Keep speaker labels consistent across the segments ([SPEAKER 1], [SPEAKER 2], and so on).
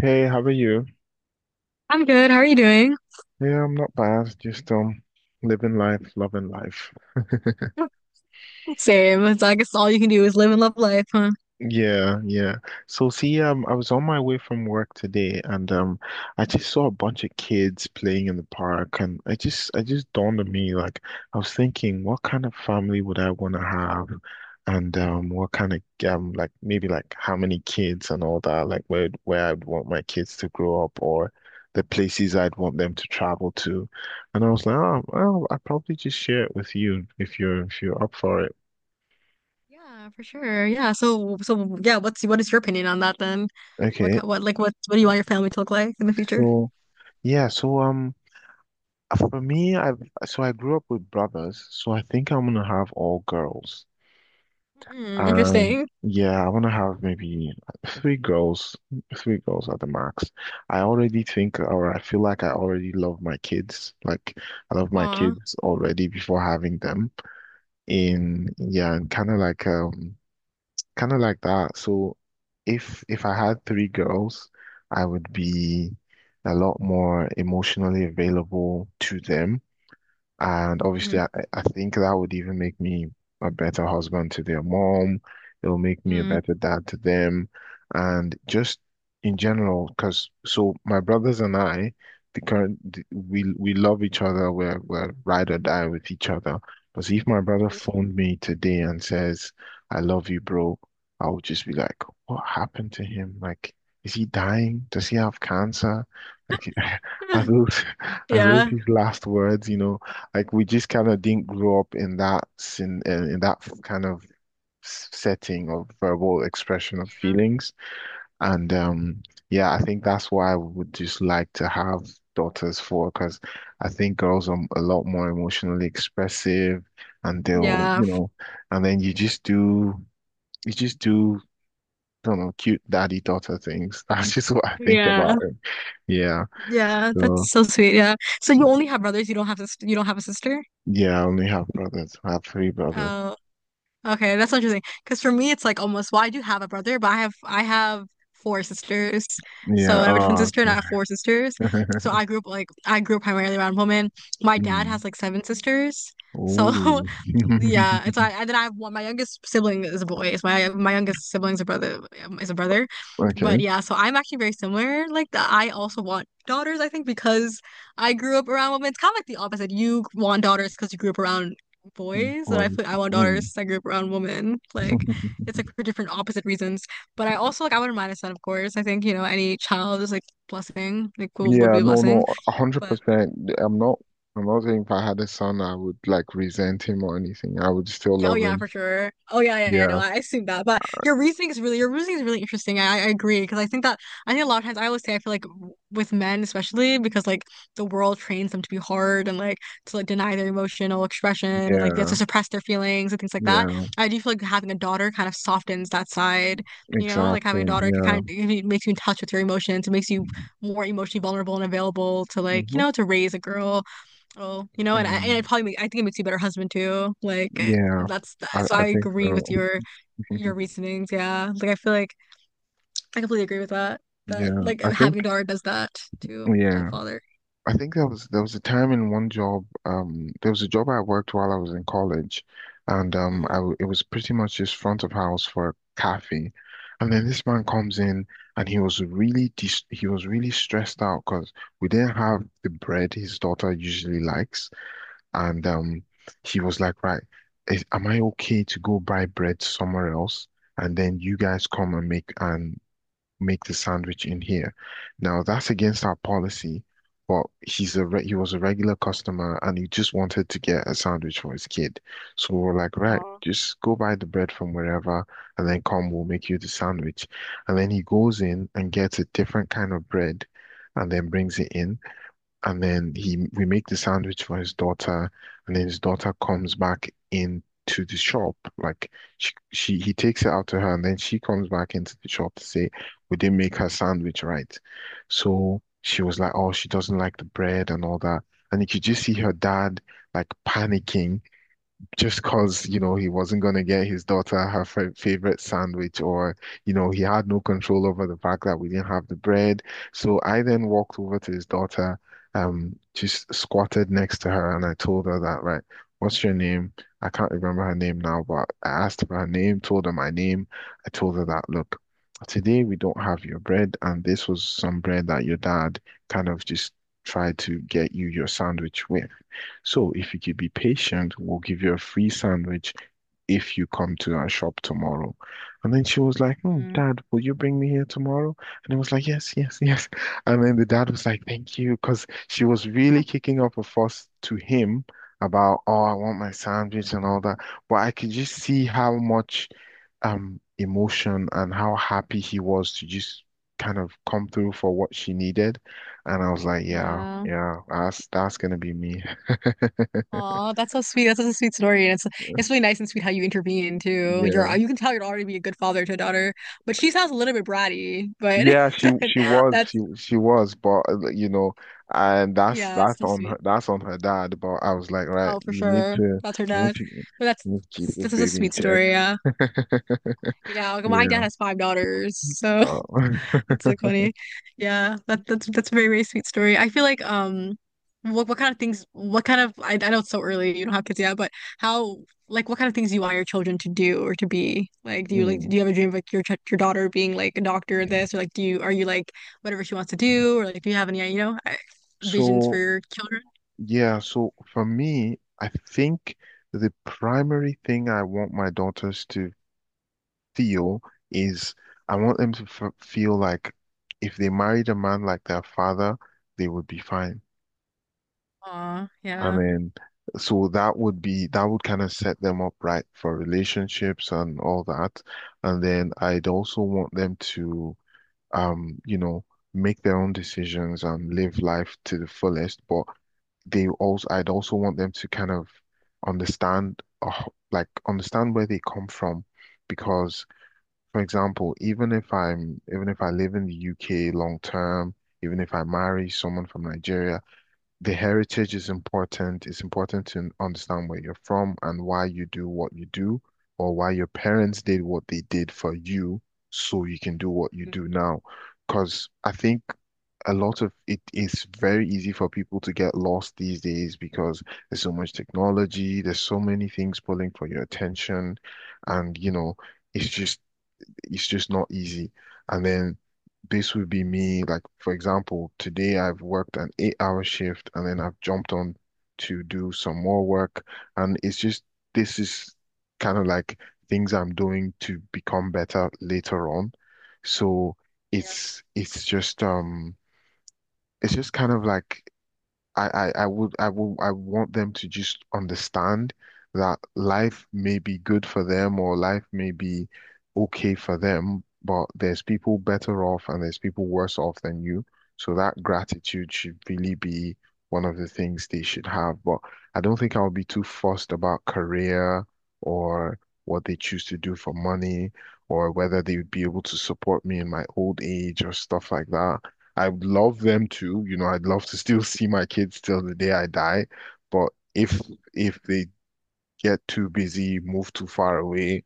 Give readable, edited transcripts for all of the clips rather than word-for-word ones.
[SPEAKER 1] Hey, how are you?
[SPEAKER 2] I'm good. How are you doing?
[SPEAKER 1] Yeah, I'm not bad. Just living life, loving life.
[SPEAKER 2] Same. It's I guess all you can do is live and love life, huh?
[SPEAKER 1] Yeah, yeah. So see, I was on my way from work today and I just saw a bunch of kids playing in the park and I just dawned on me like I was thinking what kind of family would I want to have and what kind of like maybe like how many kids and all that like where I'd want my kids to grow up or the places I'd want them to travel to. And I was like, oh, well, I'd probably just share it with you if you're up for it.
[SPEAKER 2] Yeah, for sure. Yeah. So yeah. What is your opinion on that then? What
[SPEAKER 1] Okay.
[SPEAKER 2] ki- what like what do you want your family to look like in the future?
[SPEAKER 1] So yeah, For me, I so I grew up with brothers, so I think I'm gonna have all girls.
[SPEAKER 2] Mm,
[SPEAKER 1] Um,
[SPEAKER 2] interesting.
[SPEAKER 1] yeah, I wanna have maybe three girls, three girls at the max. I already think, or I feel like I already love my kids. Like I love my
[SPEAKER 2] Aw.
[SPEAKER 1] kids already before having them. In yeah, and kind of like that. So if I had three girls, I would be a lot more emotionally available to them. And
[SPEAKER 2] Mm-hmm.
[SPEAKER 1] obviously, I think that would even make me a better husband to their mom. It'll make me a
[SPEAKER 2] Mm.
[SPEAKER 1] better dad to them. And just in general, because so my brothers and I, we love each other. We're ride or die with each other. But see, if my brother phoned me today and says, "I love you, bro," I would just be like, "What happened to him? Like, is he dying? Does he have cancer? Like, are those?" Are those
[SPEAKER 2] Yeah.
[SPEAKER 1] his last words? You know, like we just kind of didn't grow up in that in that kind of setting of verbal expression of feelings. And yeah, I think that's why I would just like to have daughters for, because I think girls are a lot more emotionally expressive, and they'll,
[SPEAKER 2] Yeah.
[SPEAKER 1] you know, and then you just do. I don't know, cute daddy daughter things. That's just what I think
[SPEAKER 2] Yeah.
[SPEAKER 1] about it. Yeah.
[SPEAKER 2] Yeah.
[SPEAKER 1] So
[SPEAKER 2] That's so sweet. Yeah. So you only have brothers. You don't have a sister.
[SPEAKER 1] yeah, I only have brothers. I have three brothers.
[SPEAKER 2] Okay, that's interesting. Because for me, it's like almost, well, I do have a brother, but I have four sisters. So
[SPEAKER 1] Yeah.
[SPEAKER 2] I have a twin
[SPEAKER 1] Oh.
[SPEAKER 2] sister and I have four sisters. So I grew up primarily around women. My dad
[SPEAKER 1] Mm.
[SPEAKER 2] has like seven sisters. So
[SPEAKER 1] Oh.
[SPEAKER 2] Yeah, it's I and then I have one. My youngest sibling is a boy. It's My youngest sibling's a brother, but
[SPEAKER 1] Okay.
[SPEAKER 2] yeah. So I'm actually very similar. Like that, I also want daughters. I think because I grew up around women. It's kind of like the opposite. You want daughters because you grew up around boys, and I
[SPEAKER 1] Important.
[SPEAKER 2] feel I want daughters,
[SPEAKER 1] Mm.
[SPEAKER 2] 'cause I grew up around women. Like it's like for different opposite reasons. But I also like I wouldn't mind a son, of course. I think you know any child is like blessing. Like would
[SPEAKER 1] Yeah,
[SPEAKER 2] be a
[SPEAKER 1] no,
[SPEAKER 2] blessing.
[SPEAKER 1] no, a hundred
[SPEAKER 2] But
[SPEAKER 1] percent. I'm not saying if I had a son I would like resent him or anything. I would still
[SPEAKER 2] yeah, oh
[SPEAKER 1] love
[SPEAKER 2] yeah,
[SPEAKER 1] him.
[SPEAKER 2] for sure. Oh yeah, yeah, yeah. No,
[SPEAKER 1] Yeah,
[SPEAKER 2] I assume that. But your reasoning is really interesting. I agree because I think that I think a lot of times I always say I feel like with men especially because like the world trains them to be hard and like to deny their emotional expression and like they have
[SPEAKER 1] yeah,
[SPEAKER 2] to suppress their feelings and things like that.
[SPEAKER 1] yeah,
[SPEAKER 2] I do feel like having a daughter kind of softens that side. You know, like having a
[SPEAKER 1] exactly.
[SPEAKER 2] daughter it
[SPEAKER 1] Yeah.
[SPEAKER 2] kind of it makes you in touch with your emotions. It makes you more emotionally vulnerable and available to like
[SPEAKER 1] Hmm.
[SPEAKER 2] to raise a girl. Oh, you know, and I, and
[SPEAKER 1] Mm.
[SPEAKER 2] it probably make, I think it makes you a better husband too.
[SPEAKER 1] Yeah. I,
[SPEAKER 2] So
[SPEAKER 1] I
[SPEAKER 2] I
[SPEAKER 1] think
[SPEAKER 2] agree with
[SPEAKER 1] so.
[SPEAKER 2] your reasonings. Yeah, like I feel like I completely agree with that. That
[SPEAKER 1] Yeah.
[SPEAKER 2] like
[SPEAKER 1] I think,
[SPEAKER 2] having a daughter does that too. A
[SPEAKER 1] yeah.
[SPEAKER 2] father.
[SPEAKER 1] I think there was a time in one job, there was a job I worked while I was in college, and I
[SPEAKER 2] Hmm.
[SPEAKER 1] w it was pretty much just front of house for a cafe, and then this man comes in and he was really stressed out because we didn't have the bread his daughter usually likes, and he was like, right, am I okay to go buy bread somewhere else, and then you guys come and make the sandwich in here. Now that's against our policy, but he was a regular customer and he just wanted to get a sandwich for his kid. So we're like, right,
[SPEAKER 2] Oh,
[SPEAKER 1] just go buy the bread from wherever and then come, we'll make you the sandwich. And then he goes in and gets a different kind of bread and then brings it in and then he we make the sandwich for his daughter, and then his daughter comes back into the shop. Like she he takes it out to her, and then she comes back into the shop to say we didn't make her sandwich right. So she was like, oh, she doesn't like the bread and all that, and you could just see her dad like panicking just because, you know, he wasn't going to get his daughter her favorite sandwich, or, you know, he had no control over the fact that we didn't have the bread. So I then walked over to his daughter, just squatted next to her, and I told her that, right, what's your name? I can't remember her name now, but I asked for her name, told her my name. I told her that, look, today we don't have your bread, and this was some bread that your dad kind of just tried to get you your sandwich with. So if you could be patient, we'll give you a free sandwich if you come to our shop tomorrow. And then she was like, hmm,
[SPEAKER 2] mm,
[SPEAKER 1] Dad, will you bring me here tomorrow? And I was like, yes, yes, yes. And then the dad was like, thank you, because she was really kicking up a fuss to him about, oh, I want my sandwich and all that. But I could just see how much emotion and how happy he was to just kind of come through for what she needed. And I was like, yeah,
[SPEAKER 2] yeah.
[SPEAKER 1] yeah, that's gonna be me.
[SPEAKER 2] Aw, that's so sweet. That's such a sweet story, and it's really nice and sweet how you intervene too.
[SPEAKER 1] Yeah.
[SPEAKER 2] You can tell you're already be a good father to a daughter, but she sounds a little bit bratty. But
[SPEAKER 1] Yeah, she she was she
[SPEAKER 2] that's
[SPEAKER 1] she was, but like, you know, and
[SPEAKER 2] yeah, it's so sweet.
[SPEAKER 1] that's on her dad. But I was like, right,
[SPEAKER 2] Oh, for
[SPEAKER 1] you need
[SPEAKER 2] sure,
[SPEAKER 1] to
[SPEAKER 2] that's her
[SPEAKER 1] you need
[SPEAKER 2] dad.
[SPEAKER 1] to you
[SPEAKER 2] But
[SPEAKER 1] need to keep
[SPEAKER 2] that's
[SPEAKER 1] this
[SPEAKER 2] This is a
[SPEAKER 1] baby in
[SPEAKER 2] sweet
[SPEAKER 1] check.
[SPEAKER 2] story. Yeah. Yeah, like, my dad
[SPEAKER 1] Yeah.
[SPEAKER 2] has five daughters, so
[SPEAKER 1] Uh,
[SPEAKER 2] it's like funny. Yeah, that's a very, very sweet story. I feel like what kind of things what kind of I know it's so early, you don't have kids yet, but how like what kind of things do you want your children to do or to be? Like
[SPEAKER 1] mm.
[SPEAKER 2] do you have a dream of like your daughter being like a doctor or this, or like do you are you like whatever she wants to do, or like do you have any you know visions for
[SPEAKER 1] So
[SPEAKER 2] your children?
[SPEAKER 1] yeah, so for me, I think the primary thing I want my daughters to feel is I want them to f feel like if they married a man like their father, they would be fine.
[SPEAKER 2] Aw,
[SPEAKER 1] And
[SPEAKER 2] yeah.
[SPEAKER 1] then, so that would kind of set them up right for relationships and all that. And then I'd also want them to, um, you know, make their own decisions and live life to the fullest. But I'd also want them to kind of understand, uh, understand where they come from. Because, for example, even if I live in the UK long term, even if I marry someone from Nigeria, the heritage is important. It's important to understand where you're from and why you do what you do, or why your parents did what they did for you, so you can do what you do now. Because I think a lot of it is very easy for people to get lost these days because there's so much technology, there's so many things pulling for your attention, and it's just it's just not easy. And then this would be me, like for example, today I've worked an 8-hour shift and then I've jumped on to do some more work. And it's just this is kind of like things I'm doing to become better later on. So it's it's just um it's just kind of like I would I will I want them to just understand that life may be good for them or life may be okay for them, but there's people better off and there's people worse off than you. So that gratitude should really be one of the things they should have. But I don't think I'll be too fussed about career or what they choose to do for money or whether they would be able to support me in my old age or stuff like that. I would love them to, you know, I'd love to still see my kids till the day I die. But if if they get too busy, move too far away,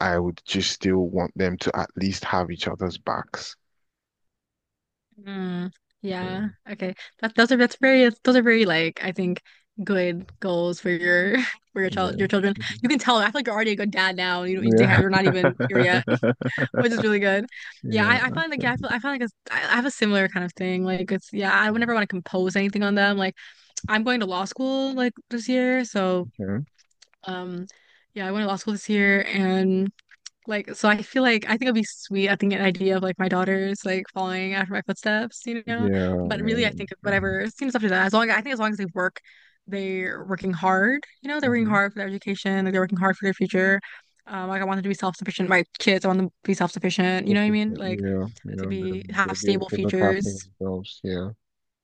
[SPEAKER 1] I would just still want them to at least have each other's backs.
[SPEAKER 2] Mm,
[SPEAKER 1] Yeah.
[SPEAKER 2] yeah. Okay. That those are that's very those are very like I think, good goals for your for your child
[SPEAKER 1] Yeah.
[SPEAKER 2] your children. You can tell I feel like you're already a good dad now. You don't they have,
[SPEAKER 1] Yeah.
[SPEAKER 2] you're not even here yet, which is really good. Yeah,
[SPEAKER 1] Yeah.
[SPEAKER 2] I find like yeah, I
[SPEAKER 1] Okay.
[SPEAKER 2] feel I find like I have a similar kind of thing. Like it's yeah, I would never want to compose anything on them. Like I'm going to law school like this year, so
[SPEAKER 1] Okay.
[SPEAKER 2] um yeah, I went to law school this year. And. So I feel like I think it'd be sweet. I think an idea of like my daughters like following after my footsteps, you know.
[SPEAKER 1] Yeah.
[SPEAKER 2] But really, I think
[SPEAKER 1] Yeah.
[SPEAKER 2] whatever seems after that. As long as they work, they're working hard. You know, they're working
[SPEAKER 1] Mm-hmm.
[SPEAKER 2] hard for their education. Like they're working hard for their future. Like I want them to be self-sufficient. My kids, I want them to be self-sufficient. You
[SPEAKER 1] Yeah.
[SPEAKER 2] know what I mean? Like
[SPEAKER 1] You
[SPEAKER 2] to
[SPEAKER 1] know, they'll,
[SPEAKER 2] be
[SPEAKER 1] they'll
[SPEAKER 2] have
[SPEAKER 1] be able
[SPEAKER 2] stable
[SPEAKER 1] to look after
[SPEAKER 2] futures,
[SPEAKER 1] themselves. Yeah.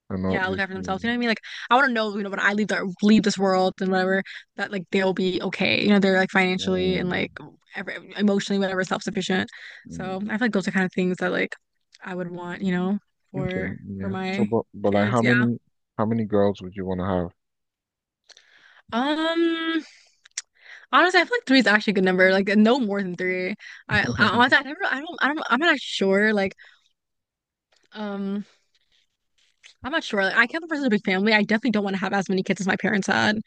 [SPEAKER 1] And not
[SPEAKER 2] yeah, look
[SPEAKER 1] just
[SPEAKER 2] after
[SPEAKER 1] me.
[SPEAKER 2] themselves. You know what I mean? Like I want to know, you know, when I leave the leave this world and whatever, that like they'll be okay. You know, they're like financially and
[SPEAKER 1] Mm.
[SPEAKER 2] like every, emotionally, whatever, self-sufficient.
[SPEAKER 1] Mm.
[SPEAKER 2] So I feel like those are kind of things that like I would want, you know,
[SPEAKER 1] Okay,
[SPEAKER 2] for
[SPEAKER 1] yeah. So,
[SPEAKER 2] my
[SPEAKER 1] but like,
[SPEAKER 2] kids.
[SPEAKER 1] how
[SPEAKER 2] Yeah.
[SPEAKER 1] many how many girls would you want to have?
[SPEAKER 2] Um. Honestly, I feel like three is actually a good number. Like no more than three. I honestly, I never, I'm not sure. Like, um, I'm not sure. Like, I can't be a person with a big family. I definitely don't want to have as many kids as my parents had.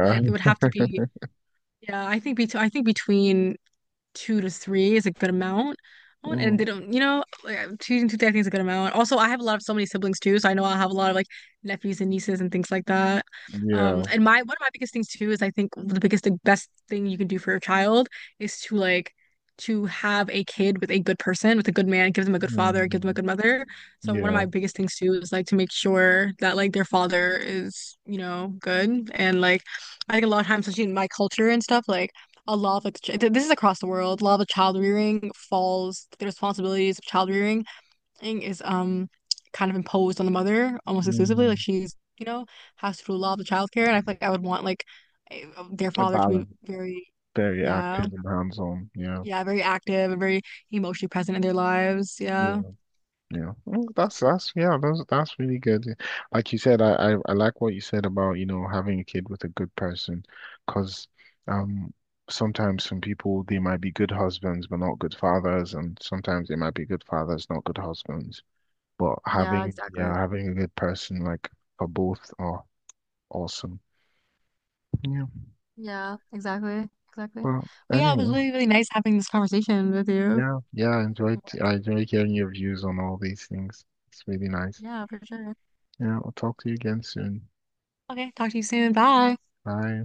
[SPEAKER 2] Like, it would have to be. Yeah, I think between two to three is a good amount. I And
[SPEAKER 1] Mm,
[SPEAKER 2] they don't, you know, like I choosing two to I think is a good amount. Also, I have a lot of so many siblings too, so I know I'll have a lot of like nephews and nieces and things like that.
[SPEAKER 1] yeah.
[SPEAKER 2] And my one of my biggest things too is I think the best thing you can do for your child is to like to have a kid with a good person, with a good man, give them a good father, give them a
[SPEAKER 1] Mm,
[SPEAKER 2] good mother. So one of
[SPEAKER 1] yeah.
[SPEAKER 2] my biggest things too is like to make sure that like their father is, you know, good and like I think a lot of times, especially in my culture and stuff, like a lot of this is across the world. A lot of child rearing falls, the responsibilities of child rearing thing is kind of imposed on the mother almost exclusively. Like
[SPEAKER 1] Mm,
[SPEAKER 2] she's, you know, has to do a lot of the childcare, and I feel like I would want like a- their
[SPEAKER 1] a
[SPEAKER 2] father to be
[SPEAKER 1] balance.
[SPEAKER 2] very,
[SPEAKER 1] Very
[SPEAKER 2] yeah,
[SPEAKER 1] active and hands-on. Yeah.
[SPEAKER 2] yeah, very active and very emotionally present in their lives. Yeah,
[SPEAKER 1] Yeah. Yeah. Mm, that's yeah. That's really good. Like you said, I like what you said about having a kid with a good person, because um sometimes some people they might be good husbands but not good fathers, and sometimes they might be good fathers not good husbands. But
[SPEAKER 2] yeah, exactly.
[SPEAKER 1] yeah, having a good person like for both are awesome. Yeah.
[SPEAKER 2] Yeah, exactly, exactly.
[SPEAKER 1] Well,
[SPEAKER 2] But yeah, it was
[SPEAKER 1] anyway,
[SPEAKER 2] really, really nice having this conversation with you.
[SPEAKER 1] yeah, yeah, I enjoyed hearing your views on all these things. It's really nice.
[SPEAKER 2] Yeah, for sure.
[SPEAKER 1] Yeah, I'll talk to you again soon.
[SPEAKER 2] Okay, talk to you soon. Bye.
[SPEAKER 1] Bye.